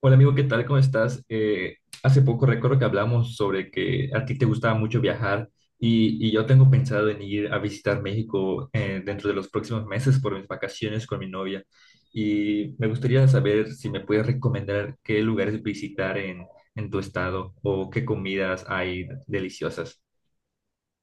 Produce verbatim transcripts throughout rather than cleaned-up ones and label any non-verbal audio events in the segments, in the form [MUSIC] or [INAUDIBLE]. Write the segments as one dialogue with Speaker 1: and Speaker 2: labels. Speaker 1: Hola amigo, ¿qué tal? ¿Cómo estás? Eh, hace poco recuerdo que hablamos sobre que a ti te gustaba mucho viajar y, y yo tengo pensado en ir a visitar México, eh, dentro de los próximos meses por mis vacaciones con mi novia, y me gustaría saber si me puedes recomendar qué lugares visitar en, en tu estado o qué comidas hay deliciosas.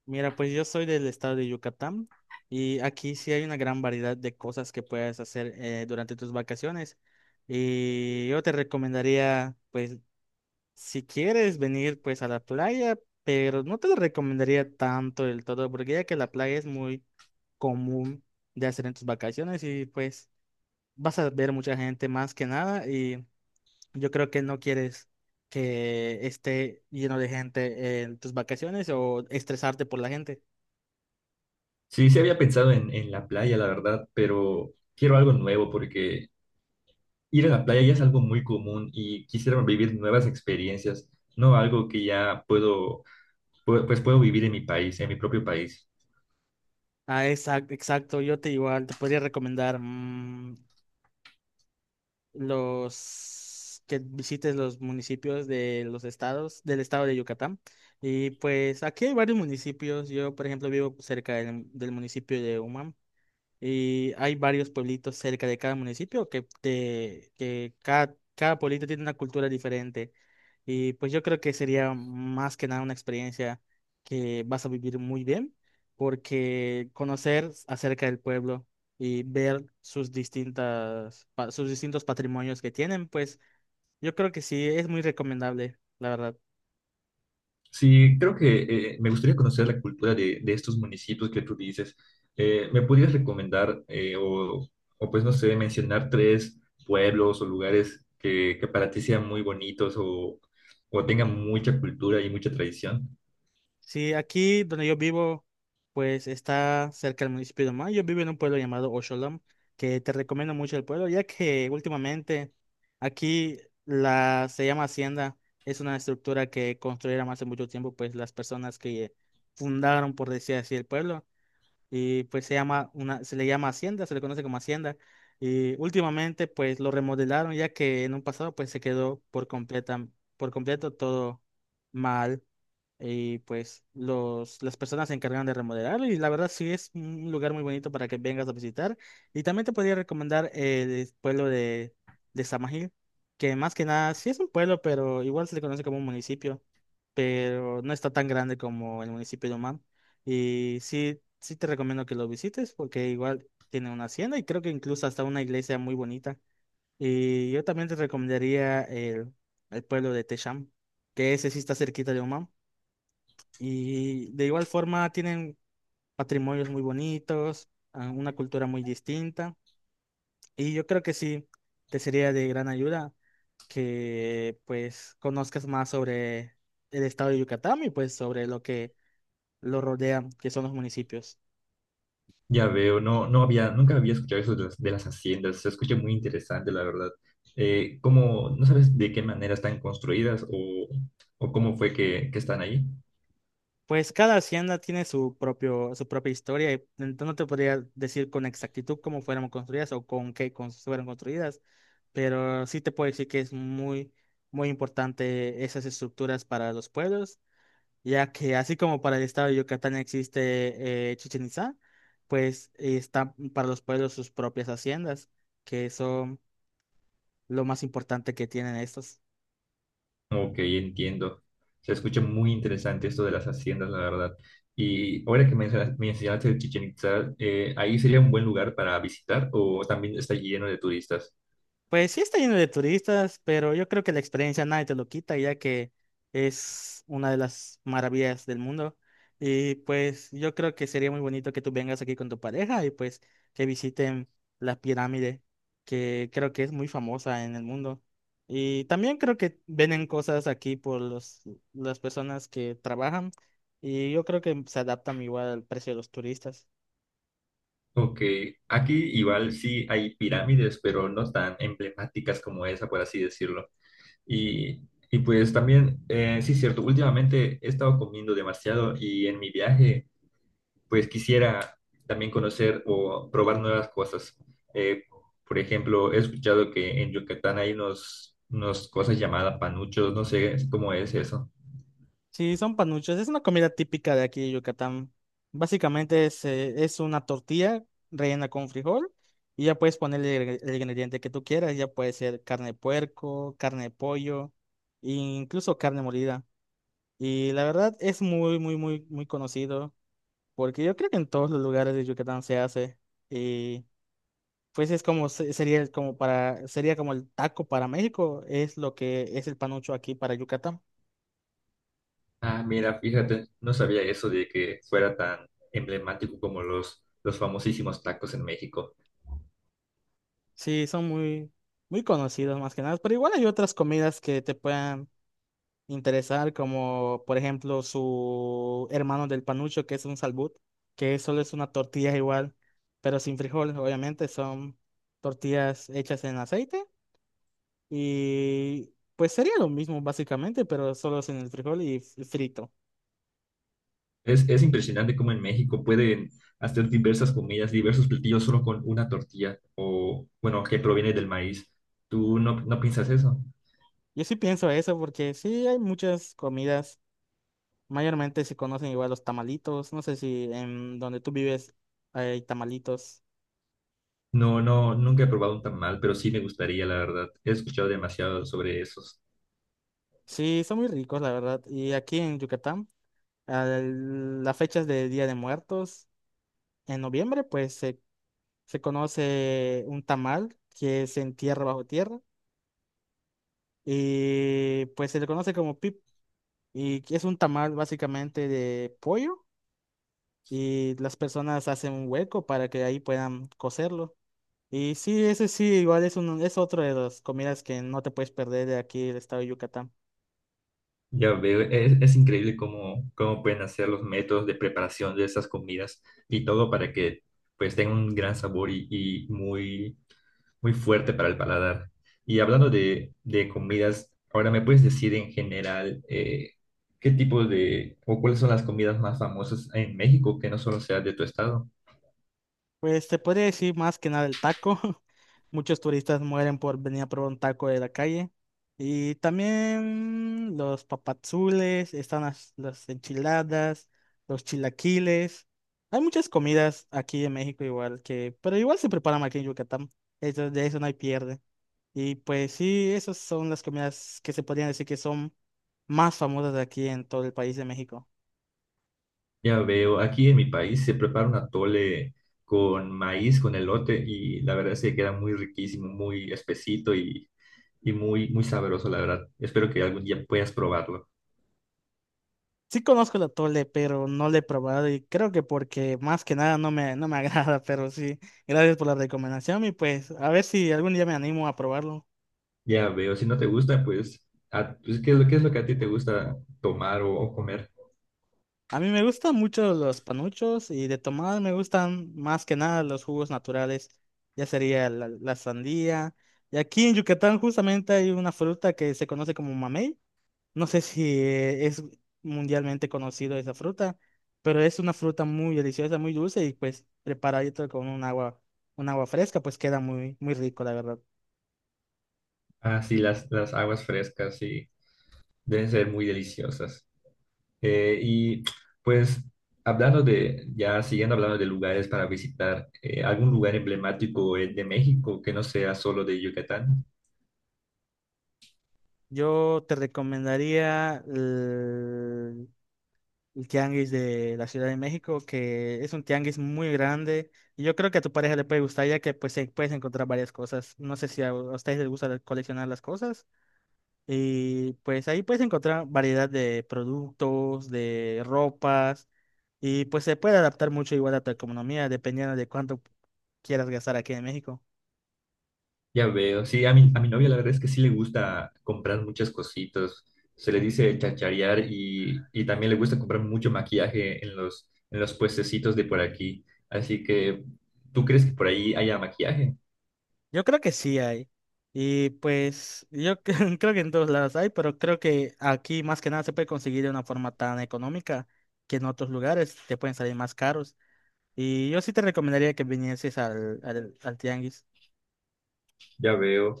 Speaker 2: Mira, pues yo soy del estado de Yucatán y aquí sí hay una gran variedad de cosas que puedes hacer eh, durante tus vacaciones. Y yo te recomendaría, pues, si quieres venir pues a la playa, pero no te lo recomendaría tanto del todo, porque ya que la playa es muy común de hacer en tus vacaciones y pues vas a ver mucha gente más que nada y yo creo que no quieres que esté lleno de gente en tus vacaciones o estresarte por la gente.
Speaker 1: Sí, sí, había pensado en, en la playa, la verdad, pero quiero algo nuevo, porque ir a la playa ya es algo muy común y quisiera vivir nuevas experiencias, no algo que ya puedo, pu- pues puedo vivir en mi país, en mi propio país.
Speaker 2: Ah, exacto, exacto. Yo te igual te podría recomendar mm, los que visites los municipios de los estados, del estado de Yucatán. Y pues aquí hay varios municipios. Yo, por ejemplo, vivo cerca del, del municipio de Humam. Y hay varios pueblitos cerca de cada municipio que, te- que cada, cada pueblito tiene una cultura diferente. Y pues yo creo que sería más que nada una experiencia que vas a vivir muy bien, porque conocer acerca del pueblo y ver sus distintas, pa- sus distintos patrimonios que tienen, pues yo creo que sí es muy recomendable, la verdad.
Speaker 1: Sí, creo que eh, me gustaría conocer la cultura de, de estos municipios que tú dices. Eh, ¿me podrías recomendar, eh, o, o pues no sé, mencionar tres pueblos o lugares que, que para ti sean muy bonitos, o, o tengan mucha cultura y mucha tradición?
Speaker 2: Sí, aquí donde yo vivo, pues está cerca del municipio de Omán. Yo vivo en un pueblo llamado Osholam, que te recomiendo mucho el pueblo, ya que últimamente aquí la se llama Hacienda, es una estructura que construyeron hace mucho tiempo, pues las personas que fundaron, por decir así, el pueblo, y pues se llama una, se le llama Hacienda, se le conoce como Hacienda, y últimamente pues lo remodelaron, ya que en un pasado pues se quedó por completa, por completo todo mal. Y pues los, las personas se encargan de remodelarlo y la verdad sí es un lugar muy bonito para que vengas a visitar. Y también te podría recomendar eh, el pueblo de, de Samajil, que más que nada sí es un pueblo, pero igual se le conoce como un municipio, pero no está tan grande como el municipio de Omán. Y sí, sí te recomiendo que lo visites porque igual tiene una hacienda y creo que incluso hasta una iglesia muy bonita. Y yo también te recomendaría el, el pueblo de Techam, que ese sí está cerquita de Omán y de igual forma tienen patrimonios muy bonitos, ah, una cultura muy distinta. Y yo creo que sí, te sería de gran ayuda que pues conozcas más sobre el estado de Yucatán y pues sobre lo que lo rodea, que son los municipios.
Speaker 1: Ya veo, no, no había, nunca había escuchado eso de las, de las haciendas, se escucha muy interesante, la verdad. Eh, ¿cómo, no sabes de qué manera están construidas, o, o cómo fue que, que están ahí?
Speaker 2: Pues cada hacienda tiene su propio, su propia historia, y entonces no te podría decir con exactitud cómo fueron construidas o con qué cons- fueron construidas, pero sí te puedo decir que es muy, muy importante esas estructuras para los pueblos, ya que así como para el estado de Yucatán existe eh, Chichén Itzá, pues está para los pueblos sus propias haciendas, que son lo más importante que tienen estos.
Speaker 1: Ok, entiendo. Se escucha muy interesante esto de las haciendas, la verdad. Y ahora que mencionas- mencionaste el Chichen Itzá, eh, ¿ahí sería un buen lugar para visitar o también está lleno de turistas?
Speaker 2: Pues sí está lleno de turistas, pero yo creo que la experiencia nadie te lo quita, ya que es una de las maravillas del mundo. Y pues yo creo que sería muy bonito que tú vengas aquí con tu pareja y pues que visiten la pirámide, que creo que es muy famosa en el mundo. Y también creo que venden cosas aquí por los, las personas que trabajan y yo creo que se adaptan igual al precio de los turistas.
Speaker 1: Ok, aquí igual sí hay pirámides, pero no tan emblemáticas como esa, por así decirlo. Y, y pues también, eh, sí, cierto, últimamente he estado comiendo demasiado, y en mi viaje pues quisiera también conocer o probar nuevas cosas. Eh, por ejemplo, he escuchado que en Yucatán hay unos, unas cosas llamadas panuchos, no sé cómo es eso.
Speaker 2: Sí, son panuchos. Es una comida típica de aquí de Yucatán. Básicamente es, eh, es una tortilla rellena con frijol y ya puedes ponerle el, el ingrediente que tú quieras. Ya puede ser carne de puerco, carne de pollo, e incluso carne molida. Y la verdad es muy, muy, muy, muy conocido porque yo creo que en todos los lugares de Yucatán se hace. Y pues es como, se- sería el- como para, sería como el taco para México, es lo que es el panucho aquí para Yucatán.
Speaker 1: Ah, mira, fíjate, no sabía eso de que fuera tan emblemático como los, los famosísimos tacos en México.
Speaker 2: Sí, son muy, muy conocidos más que nada, pero igual hay otras comidas que te puedan interesar, como por ejemplo su hermano del panucho, que es un salbut, que solo es una tortilla igual, pero sin frijoles, obviamente, son tortillas hechas en aceite y pues sería lo mismo básicamente, pero solo sin el frijol y f- frito.
Speaker 1: Es, es impresionante cómo en México pueden hacer diversas comidas, diversos platillos solo con una tortilla o, bueno, que proviene del maíz. ¿Tú no, no piensas eso?
Speaker 2: Yo sí pienso eso porque sí hay muchas comidas, mayormente se conocen igual los tamalitos, no sé si en donde tú vives hay tamalitos.
Speaker 1: No, no, nunca he probado un tamal, pero sí me gustaría, la verdad. He escuchado demasiado sobre esos.
Speaker 2: Sí, son muy ricos, la verdad. Y aquí en Yucatán, a las fechas de Día de Muertos, en noviembre, pues se, se conoce un tamal que se entierra bajo tierra y pues se le conoce como pip. Y que es un tamal básicamente de pollo y las personas hacen un hueco para que ahí puedan cocerlo. Y sí, ese sí, igual es, un, es otro de las comidas que no te puedes perder de aquí, del estado de Yucatán.
Speaker 1: Ya veo, es, es increíble cómo, cómo pueden hacer los métodos de preparación de esas comidas, y todo para que pues tenga un gran sabor y, y muy muy, fuerte para el paladar. Y hablando de, de comidas, ahora me puedes decir en general, eh, qué tipo de, o cuáles son las comidas más famosas en México que no solo sea de tu estado.
Speaker 2: Pues te podría decir más que nada el taco. [LAUGHS] Muchos turistas mueren por venir a probar un taco de la calle. Y también los papazules, están las, las enchiladas, los chilaquiles. Hay muchas comidas aquí en México igual que, pero igual se preparan aquí en Yucatán. Eso, de eso no hay pierde. Y pues sí, esas son las comidas que se podrían decir que son más famosas de aquí en todo el país de México.
Speaker 1: Ya veo, aquí en mi país se prepara un atole con maíz, con elote, y la verdad es que queda muy riquísimo, muy espesito y, y muy, muy sabroso, la verdad. Espero que algún día puedas probarlo.
Speaker 2: Sí conozco el atole, pero no lo he probado y creo que porque más que nada no me, no me [LAUGHS] agrada, pero sí, gracias por la recomendación y pues a ver si algún día me animo a probarlo.
Speaker 1: Ya veo, si no te gusta, pues, a- pues, ¿qué es lo, qué es lo que a ti te gusta tomar o o comer?
Speaker 2: A mí me gustan mucho los panuchos y de tomar me gustan más que nada los jugos naturales, ya sería la, la sandía. Y aquí en Yucatán justamente hay una fruta que se conoce como mamey. No sé si eh, es mundialmente conocido esa fruta, pero es una fruta muy deliciosa, muy dulce y pues preparadito con un agua, un agua fresca, pues queda muy, muy rico, la verdad.
Speaker 1: Ah, sí, las, las aguas frescas, sí, deben ser muy deliciosas. Eh, y pues hablando de, ya siguiendo hablando de lugares para visitar, eh, algún lugar emblemático, eh, de México, que no sea solo de Yucatán.
Speaker 2: Yo te recomendaría el, el tianguis de la Ciudad de México, que es un tianguis muy grande y yo creo que a tu pareja le puede gustar ya que pues eh, puedes encontrar varias cosas. No sé si a, a ustedes les gusta coleccionar las cosas. Y pues ahí puedes encontrar variedad de productos, de ropas, y pues se puede adaptar mucho igual a tu economía, dependiendo de cuánto quieras gastar aquí en México.
Speaker 1: Ya veo, sí, a mi, a mi novia la verdad es que sí le gusta comprar muchas cositas, se le dice chacharear, y, y también le gusta comprar mucho maquillaje en los, en los puestecitos de por aquí. Así que, ¿tú crees que por ahí haya maquillaje?
Speaker 2: Yo creo que sí hay. Y pues yo [LAUGHS] cre- creo que en todos lados hay, pero creo que aquí más que nada se puede conseguir de una forma tan económica que en otros lugares te pueden salir más caros. Y yo sí te recomendaría que vinieses al, al, al tianguis.
Speaker 1: Ya veo.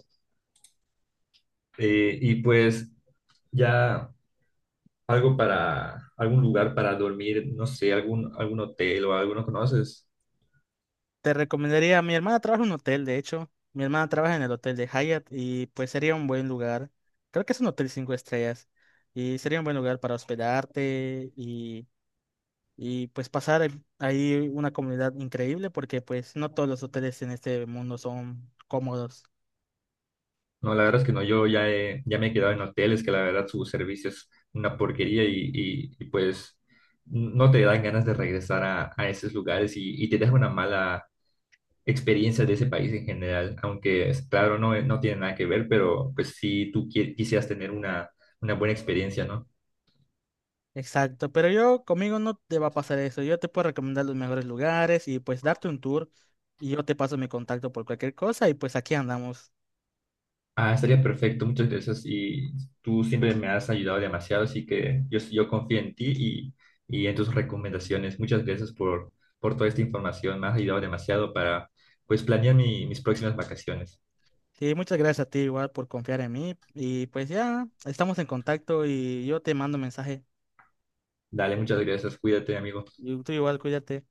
Speaker 1: Eh, y pues... Ya algo para, algún lugar para dormir, no sé, algún, algún hotel o alguno conoces.
Speaker 2: Te recomendaría, mi hermana trabaja en un hotel, de hecho. Mi hermana trabaja en el hotel de Hyatt y pues sería un buen lugar. Creo que es un hotel cinco estrellas y sería un buen lugar para hospedarte y, y pues pasar ahí ahí una comunidad increíble porque pues no todos los hoteles en este mundo son cómodos.
Speaker 1: No, la verdad es que no, yo ya, he- ya me he quedado en hoteles que la verdad su servicio es una porquería, y, y- y, pues no te dan ganas de regresar a, a esos lugares, y, y te deja una mala experiencia de ese país en general, aunque es claro, no, no tiene nada que ver, pero pues si tú qui- quisieras tener una, una buena experiencia, ¿no?
Speaker 2: Exacto, pero yo conmigo no te va a pasar eso. Yo te puedo recomendar los mejores lugares y pues darte un tour y yo te paso mi contacto por cualquier cosa y pues aquí andamos.
Speaker 1: Ah, estaría perfecto, muchas gracias. Y tú siempre me has ayudado demasiado, así que yo, yo confío en ti, y, y en tus recomendaciones. Muchas gracias por, por toda esta información, me has ayudado demasiado para pues planear mi- mis próximas vacaciones.
Speaker 2: Sí, muchas gracias a ti igual por confiar en mí. Y pues ya, estamos en contacto y yo te mando mensaje.
Speaker 1: Dale, muchas gracias, cuídate, amigo.
Speaker 2: Y tú igual, cuídate.